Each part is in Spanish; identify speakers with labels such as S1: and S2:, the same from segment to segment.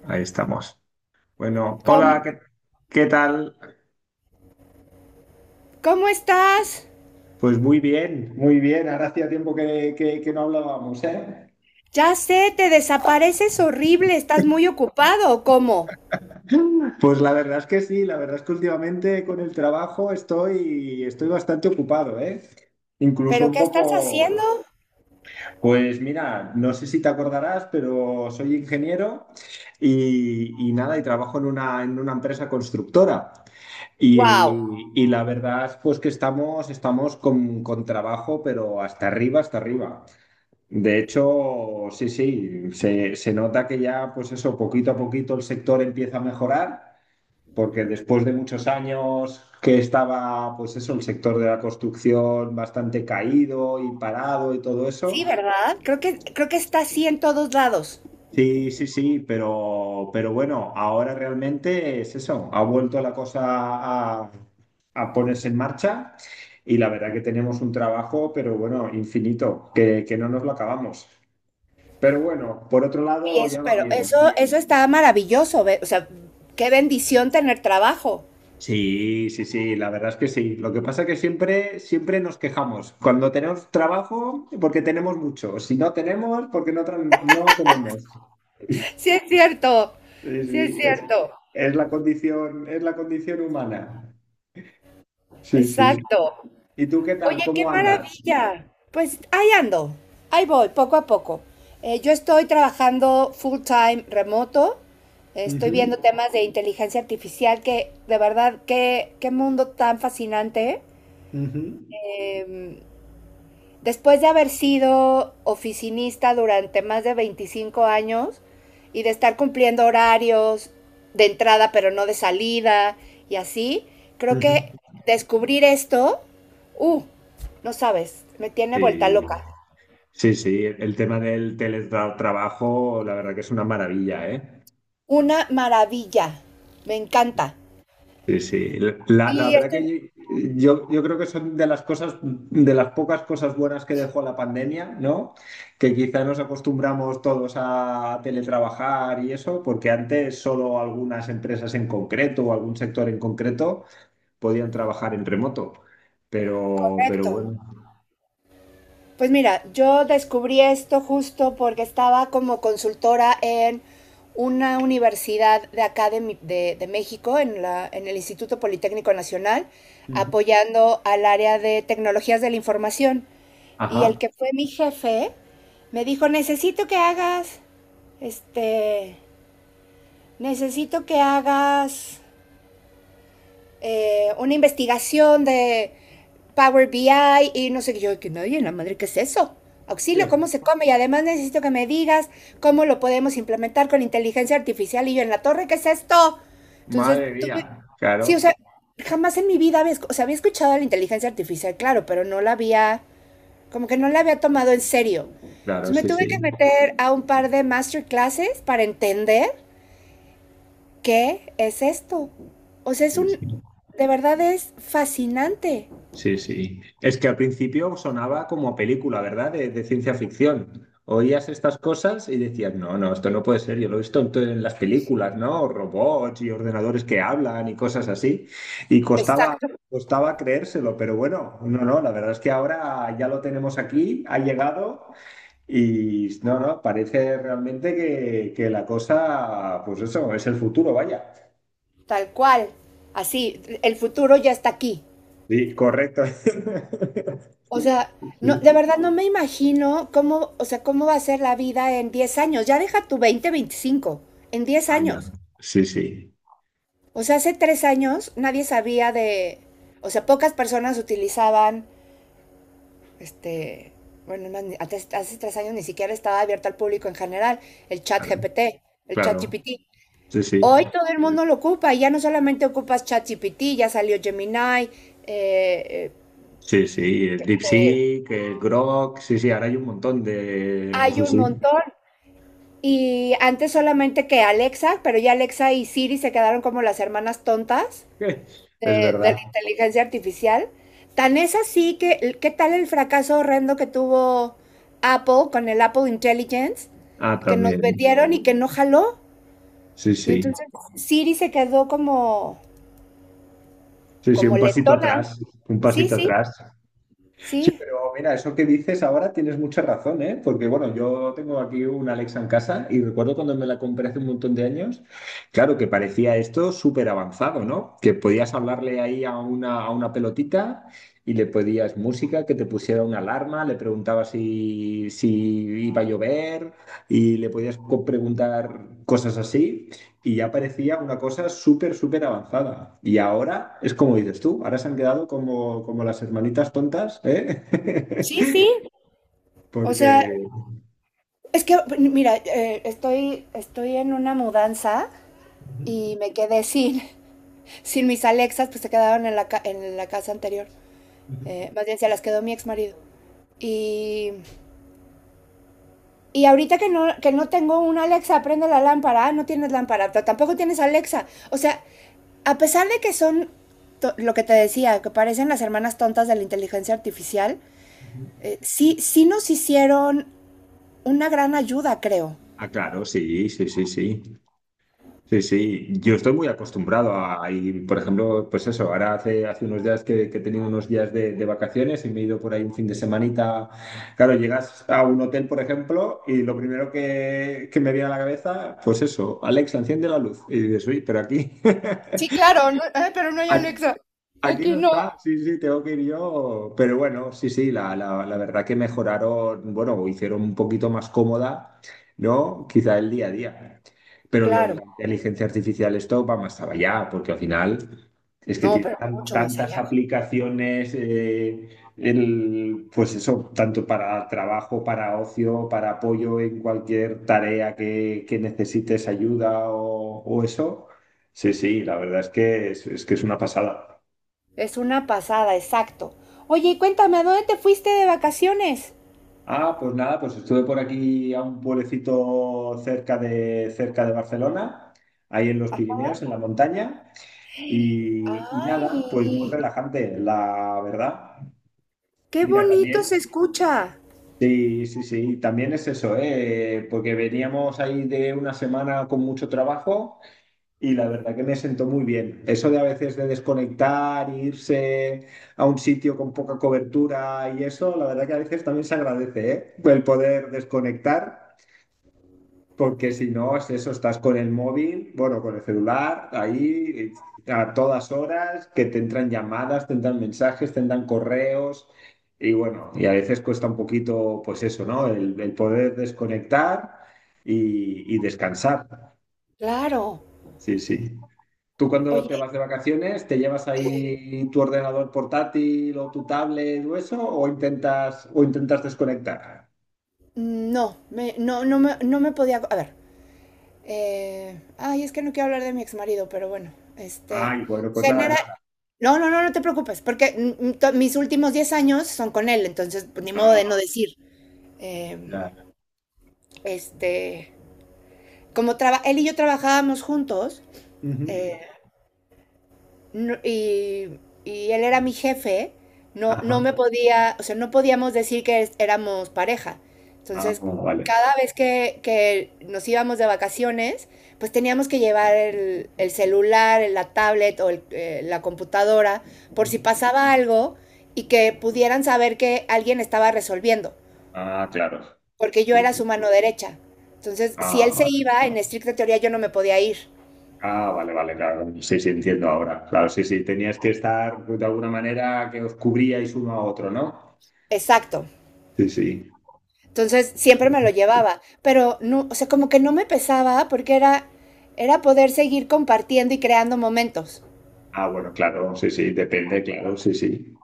S1: Ahí estamos. Bueno,
S2: ¿Cómo,
S1: hola, ¿qué tal?
S2: ¿Cómo estás?
S1: Pues muy bien, muy bien. Ahora hacía tiempo que no hablábamos, ¿eh?
S2: Ya sé, te desapareces horrible, estás muy ocupado, ¿o cómo?
S1: Pues la verdad es que sí, la verdad es que últimamente con el trabajo estoy bastante ocupado, ¿eh? Incluso
S2: ¿Pero
S1: un
S2: qué estás haciendo?
S1: poco, pues mira, no sé si te acordarás, pero soy ingeniero y nada, y trabajo en una empresa constructora.
S2: Wow.
S1: Y la verdad, pues que estamos con trabajo, pero hasta arriba, hasta arriba. De hecho, sí, sí, se nota que ya, pues eso, poquito a poquito el sector empieza a mejorar, porque después de muchos años que estaba, pues eso, el sector de la construcción bastante caído y parado y todo
S2: Sí,
S1: eso,
S2: ¿verdad? Creo que está así en todos lados.
S1: sí, sí, sí, pero bueno, ahora realmente es eso, ha vuelto la cosa a, a ponerse en marcha y la verdad que tenemos un trabajo, pero bueno, infinito, que no nos lo acabamos. Pero bueno, por otro
S2: Oye,
S1: lado, ya va
S2: pero eso,
S1: bien.
S2: eso está maravilloso, o sea, qué bendición tener trabajo.
S1: Sí, sí, sí, la verdad es que sí. Lo que pasa es que siempre, siempre nos quejamos. Cuando tenemos trabajo, porque tenemos mucho. Si no tenemos, porque no tenemos.
S2: Sí es cierto,
S1: Sí,
S2: sí es
S1: sí,
S2: cierto.
S1: es la condición humana. Sí, sí.
S2: Exacto.
S1: ¿Y tú qué
S2: Oye,
S1: tal?
S2: qué
S1: ¿Cómo andas?
S2: maravilla. Pues ahí ando, ahí voy, poco a poco. Yo estoy trabajando full time remoto, estoy
S1: Ujú,
S2: viendo temas de inteligencia artificial que de verdad, qué mundo tan fascinante.
S1: ujú,
S2: Em, Después de haber sido oficinista durante más de 25 años y de estar cumpliendo horarios de entrada pero no de salida y así, creo
S1: ujú.
S2: que descubrir esto, uh, no sabes, me tiene vuelta
S1: Sí,
S2: loca.
S1: sí, sí. El tema del teletrabajo, la verdad que es una maravilla, ¿eh?
S2: Una maravilla, me encanta.
S1: Sí, sí. La
S2: Y
S1: verdad
S2: esto
S1: que
S2: es.
S1: yo creo que son de las cosas, de las pocas cosas buenas que dejó la pandemia, ¿no? Que quizá nos acostumbramos todos a teletrabajar y eso, porque antes solo algunas empresas en concreto o algún sector en concreto podían trabajar en remoto. Pero
S2: Correcto.
S1: bueno.
S2: Pues mira, yo descubrí esto justo porque estaba como consultora en una universidad de acá de México, en el Instituto Politécnico Nacional,
S1: Ujú.
S2: apoyando al área de tecnologías de la información. Y el
S1: Ajá.
S2: que fue mi jefe me dijo, este, necesito que hagas una investigación de Power BI y no sé qué. Yo, que me oye, la madre, ¿qué es eso? Auxilio,
S1: ¿Qué?
S2: ¿cómo se come? Y además necesito que me digas cómo lo podemos implementar con inteligencia artificial. Y yo, en la torre, ¿qué es esto? Entonces,
S1: Madre
S2: tuve.
S1: mía.
S2: Sí, o
S1: Claro,
S2: sea, jamás en mi vida había, o sea, había escuchado de la inteligencia artificial, claro, pero no la había, como que no la había tomado en serio.
S1: claro,
S2: Entonces me
S1: sí,
S2: tuve que
S1: sí.
S2: meter a un par de masterclasses para entender, ¿qué es esto? O sea,
S1: Sí, sí.
S2: de verdad es fascinante.
S1: Sí, sí. Es que al principio sonaba como película, ¿verdad? De ciencia ficción. Oías estas cosas y decías, no, no, esto no puede ser. Yo lo he visto en las películas, ¿no? Robots y ordenadores que hablan y cosas así. Y costaba,
S2: Exacto.
S1: costaba creérselo, pero bueno, no, no, la verdad es que ahora ya lo tenemos aquí, ha llegado y no, no, parece realmente que la cosa, pues eso, es el futuro, vaya.
S2: Tal cual. Así, el futuro ya está aquí.
S1: Sí, correcto.
S2: O sea, no,
S1: Sí.
S2: de verdad no me imagino cómo, o sea, cómo va a ser la vida en 10 años. Ya deja tu 20, 25. En 10
S1: Ah, ya.
S2: años.
S1: Sí, sí.
S2: O sea, hace 3 años nadie sabía de, o sea, pocas personas utilizaban, este, bueno, más, hace 3 años ni siquiera estaba abierto al público en general, el
S1: Claro,
S2: chat GPT, el chat
S1: claro.
S2: GPT.
S1: Sí, sí.
S2: Hoy todo el mundo lo ocupa, ya no solamente ocupas ChatGPT, ya salió Gemini, eh,
S1: Sí, sí. El
S2: eh,
S1: DeepSeek, el Grok. Sí, sí. Ahora hay un montón de.
S2: hay
S1: Sí,
S2: un
S1: sí.
S2: montón. Y antes solamente que Alexa, pero ya Alexa y Siri se quedaron como las hermanas tontas
S1: Es
S2: de
S1: verdad.
S2: la inteligencia artificial. Tan es así que, ¿qué tal el fracaso horrendo que tuvo Apple con el Apple Intelligence?
S1: Ah,
S2: Que nos
S1: también.
S2: vendieron y que no jaló.
S1: Sí,
S2: Y
S1: sí.
S2: entonces Siri se quedó como,
S1: Sí, sí. Un pasito
S2: letona.
S1: atrás. Un
S2: Sí,
S1: pasito
S2: sí,
S1: atrás. Sí,
S2: sí.
S1: pero mira, eso que dices ahora tienes mucha razón, ¿eh? Porque bueno, yo tengo aquí una Alexa en casa y recuerdo cuando me la compré hace un montón de años, claro que parecía esto súper avanzado, ¿no? Que podías hablarle ahí a una pelotita y le pedías música, que te pusiera una alarma, le preguntabas si iba a llover y le podías preguntar cosas así y ya parecía una cosa súper, súper avanzada. Y ahora es como dices tú, ahora se han quedado como, como las hermanitas tontas, ¿eh?
S2: Sí, sí, o
S1: Porque...
S2: sea, es que, mira, estoy en una mudanza
S1: Ujú,
S2: y me quedé sin, sin mis Alexas, pues se quedaron en la casa anterior.
S1: ujú,
S2: Más bien se las quedó mi ex marido. Y, y ahorita que no tengo una Alexa, prende la lámpara, ah, no tienes lámpara, pero tampoco tienes Alexa. O sea, a pesar de que son lo que te decía, que parecen las hermanas tontas de la inteligencia artificial,
S1: ujú.
S2: sí, sí nos hicieron una gran ayuda, creo.
S1: Ah, claro, sí, sí, sí, sí. Sí, sí, yo estoy muy acostumbrado a ir, por ejemplo, pues eso, ahora hace unos días que he tenido unos días de vacaciones y me he ido por ahí un fin de semanita. Claro, llegas a un hotel, por ejemplo, y lo primero que me viene a la cabeza, pues eso, Alexa, enciende la luz. Y dices, uy, pero aquí,
S2: Sí, claro, no, ay, pero no hay Alexa.
S1: Aquí
S2: Aquí
S1: no
S2: no.
S1: está, sí, sí, tengo que ir yo. Pero bueno, sí, sí, la verdad que mejoraron, bueno, hicieron un poquito más cómoda, ¿no? Quizá el día a día. Pero lo de
S2: Claro,
S1: la inteligencia artificial, esto va más allá, porque al final es que
S2: no,
S1: tiene
S2: pero mucho más
S1: tantas
S2: allá.
S1: aplicaciones, el, pues eso, tanto para trabajo, para ocio, para apoyo en cualquier tarea que necesites ayuda o eso. Sí, sí, la verdad es que es que es una pasada.
S2: Es una pasada, exacto. Oye, y cuéntame, ¿a dónde te fuiste de vacaciones?
S1: Ah, pues nada, pues estuve por aquí a un pueblecito cerca cerca de Barcelona, ahí en los Pirineos, en la montaña, y nada, pues muy
S2: Ay,
S1: relajante, la verdad.
S2: qué
S1: Mira,
S2: bonito se
S1: también,
S2: escucha.
S1: sí, sí, sí, también es eso, ¿eh? Porque veníamos ahí de una semana con mucho trabajo y la verdad que me sentó muy bien. Eso de a veces de desconectar, e irse a un sitio con poca cobertura y eso, la verdad que a veces también se agradece, ¿eh? El poder desconectar. Porque si no, es eso, estás con el móvil, bueno, con el celular, ahí a todas horas, que te entran llamadas, te entran mensajes, te entran correos, y bueno, y a veces cuesta un poquito, pues eso, ¿no? El poder desconectar y descansar.
S2: Claro.
S1: Sí, sí. ¿Tú cuando
S2: Oye,
S1: te vas de vacaciones, te llevas
S2: eh,
S1: ahí tu ordenador portátil o tu tablet o eso, o intentas desconectar?
S2: no me podía. A ver. Ay es que no quiero hablar de mi exmarido, pero bueno, este.
S1: Ay, bueno, pues nada,
S2: Genera.
S1: nada.
S2: No, no, no, no te preocupes, porque mis últimos 10 años son con él, entonces pues, ni modo de no
S1: Ah,
S2: decir. eh,
S1: ya.
S2: este, él y yo trabajábamos juntos. eh,
S1: Ujú.
S2: no- y, y él era mi jefe, no, no me
S1: Ajá.
S2: podía, o sea, no podíamos decir que éramos pareja.
S1: Ah,
S2: Entonces,
S1: vale.
S2: cada vez que nos íbamos de vacaciones, pues teníamos que llevar el celular, la tablet o la computadora por si
S1: Ujú.
S2: pasaba algo y que pudieran saber que alguien estaba resolviendo,
S1: Ah, claro.
S2: porque yo
S1: Sí,
S2: era su
S1: sí.
S2: mano derecha. Entonces, si
S1: Ah,
S2: él se
S1: vale.
S2: iba, en estricta teoría yo no me podía ir.
S1: Ah, vale, vale, claro. Sí, sí, entiendo ahora. Claro, sí, sí. Tenías que estar de alguna manera que os cubríais uno a otro, ¿no?
S2: Exacto.
S1: Sí, sí.
S2: Entonces,
S1: Sí.
S2: siempre me lo llevaba, pero no, o sea, como que no me pesaba porque era poder seguir compartiendo y creando momentos.
S1: Ah, bueno, claro, sí, sí, depende, claro, sí, sí.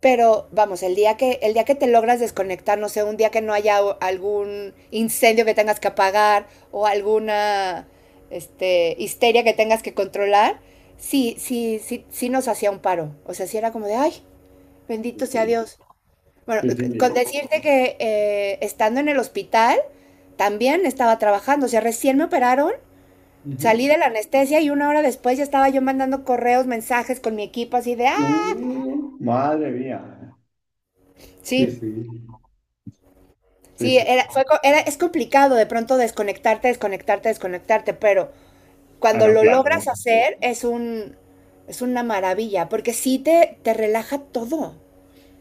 S2: Pero vamos, el día que te logras desconectar, no sé, un día que no haya algún incendio que tengas que apagar o alguna histeria que tengas que controlar, sí, sí, sí, sí nos hacía un paro. O sea, sí era como de, ay, bendito
S1: Sí,
S2: sea
S1: sí.
S2: Dios. Bueno,
S1: Sí,
S2: con
S1: sí.
S2: decirte que estando en el hospital, también estaba trabajando, o sea, recién me operaron, salí
S1: Ujú.
S2: de la anestesia y una hora después ya estaba yo mandando correos, mensajes con mi equipo así de, ah,
S1: Madre mía. Sí,
S2: sí,
S1: sí. Sí,
S2: sí,
S1: sí.
S2: era, fue, co- era, es complicado de pronto desconectarte, desconectarte, desconectarte, pero
S1: Ah,
S2: cuando
S1: no,
S2: lo
S1: claro.
S2: logras hacer es una maravilla, porque sí te relaja todo.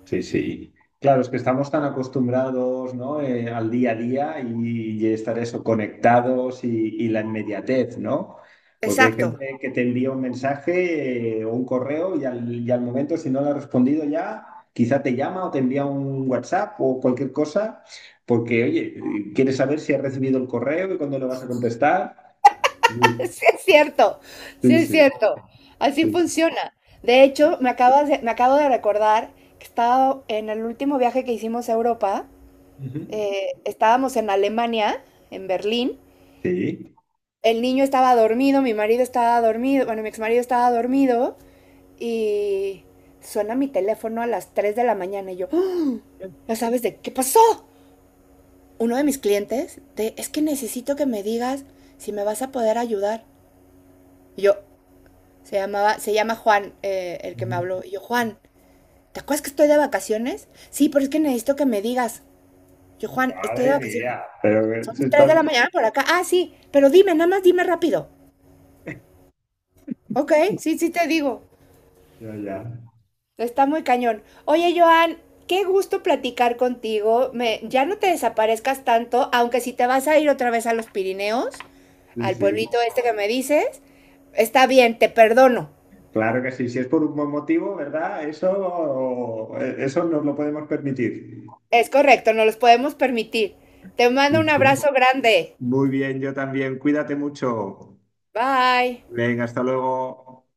S1: Sí, sí. Claro, es que estamos tan acostumbrados, ¿no? Eh, al día a día y estar eso, conectados y la inmediatez, ¿no? Porque hay
S2: Exacto.
S1: gente que te envía un mensaje o un correo y y al momento, si no le has respondido ya, quizá te llama o te envía un WhatsApp o cualquier cosa, porque, oye, quieres saber si has recibido el correo y cuándo lo vas a contestar. Sí,
S2: Sí es cierto, sí
S1: sí,
S2: es
S1: sí,
S2: cierto. Así
S1: sí, sí.
S2: funciona. De
S1: Sí.
S2: hecho, me acabo de recordar que estaba en el último viaje que hicimos a Europa,
S1: Ujú,
S2: estábamos en Alemania, en Berlín.
S1: Sí.
S2: El niño estaba dormido, mi marido estaba dormido, bueno, mi exmarido estaba dormido y suena mi teléfono a las 3 de la mañana y yo, ah, ¿ya sabes de qué pasó? Uno de mis clientes, es que necesito que me digas si me vas a poder ayudar. Y yo, se llamaba, se llama Juan, el que me
S1: ujú.
S2: habló. Y yo, Juan, ¿te acuerdas que estoy de vacaciones? Sí, pero es que necesito que me digas. Yo, Juan, estoy de
S1: Madre
S2: vacaciones.
S1: mía, pero
S2: Son
S1: si
S2: las 3 de la
S1: estás,
S2: mañana por acá. Ah, sí, pero dime, nada más dime rápido. Ok, sí, sí te digo.
S1: Ya, ya.
S2: Está muy cañón. Oye, Joan, qué gusto platicar contigo. Ya no te desaparezcas tanto, aunque si te vas a ir otra vez a los Pirineos,
S1: Sí,
S2: al
S1: sí.
S2: pueblito este que me dices, está bien, te perdono.
S1: Claro que sí. Si es por un buen motivo, ¿verdad? Eso, eso nos lo podemos permitir.
S2: Es correcto, no los podemos permitir. Te mando
S1: Sí,
S2: un
S1: sí.
S2: abrazo grande.
S1: Muy bien, yo también. Cuídate mucho.
S2: Bye.
S1: Venga, hasta luego.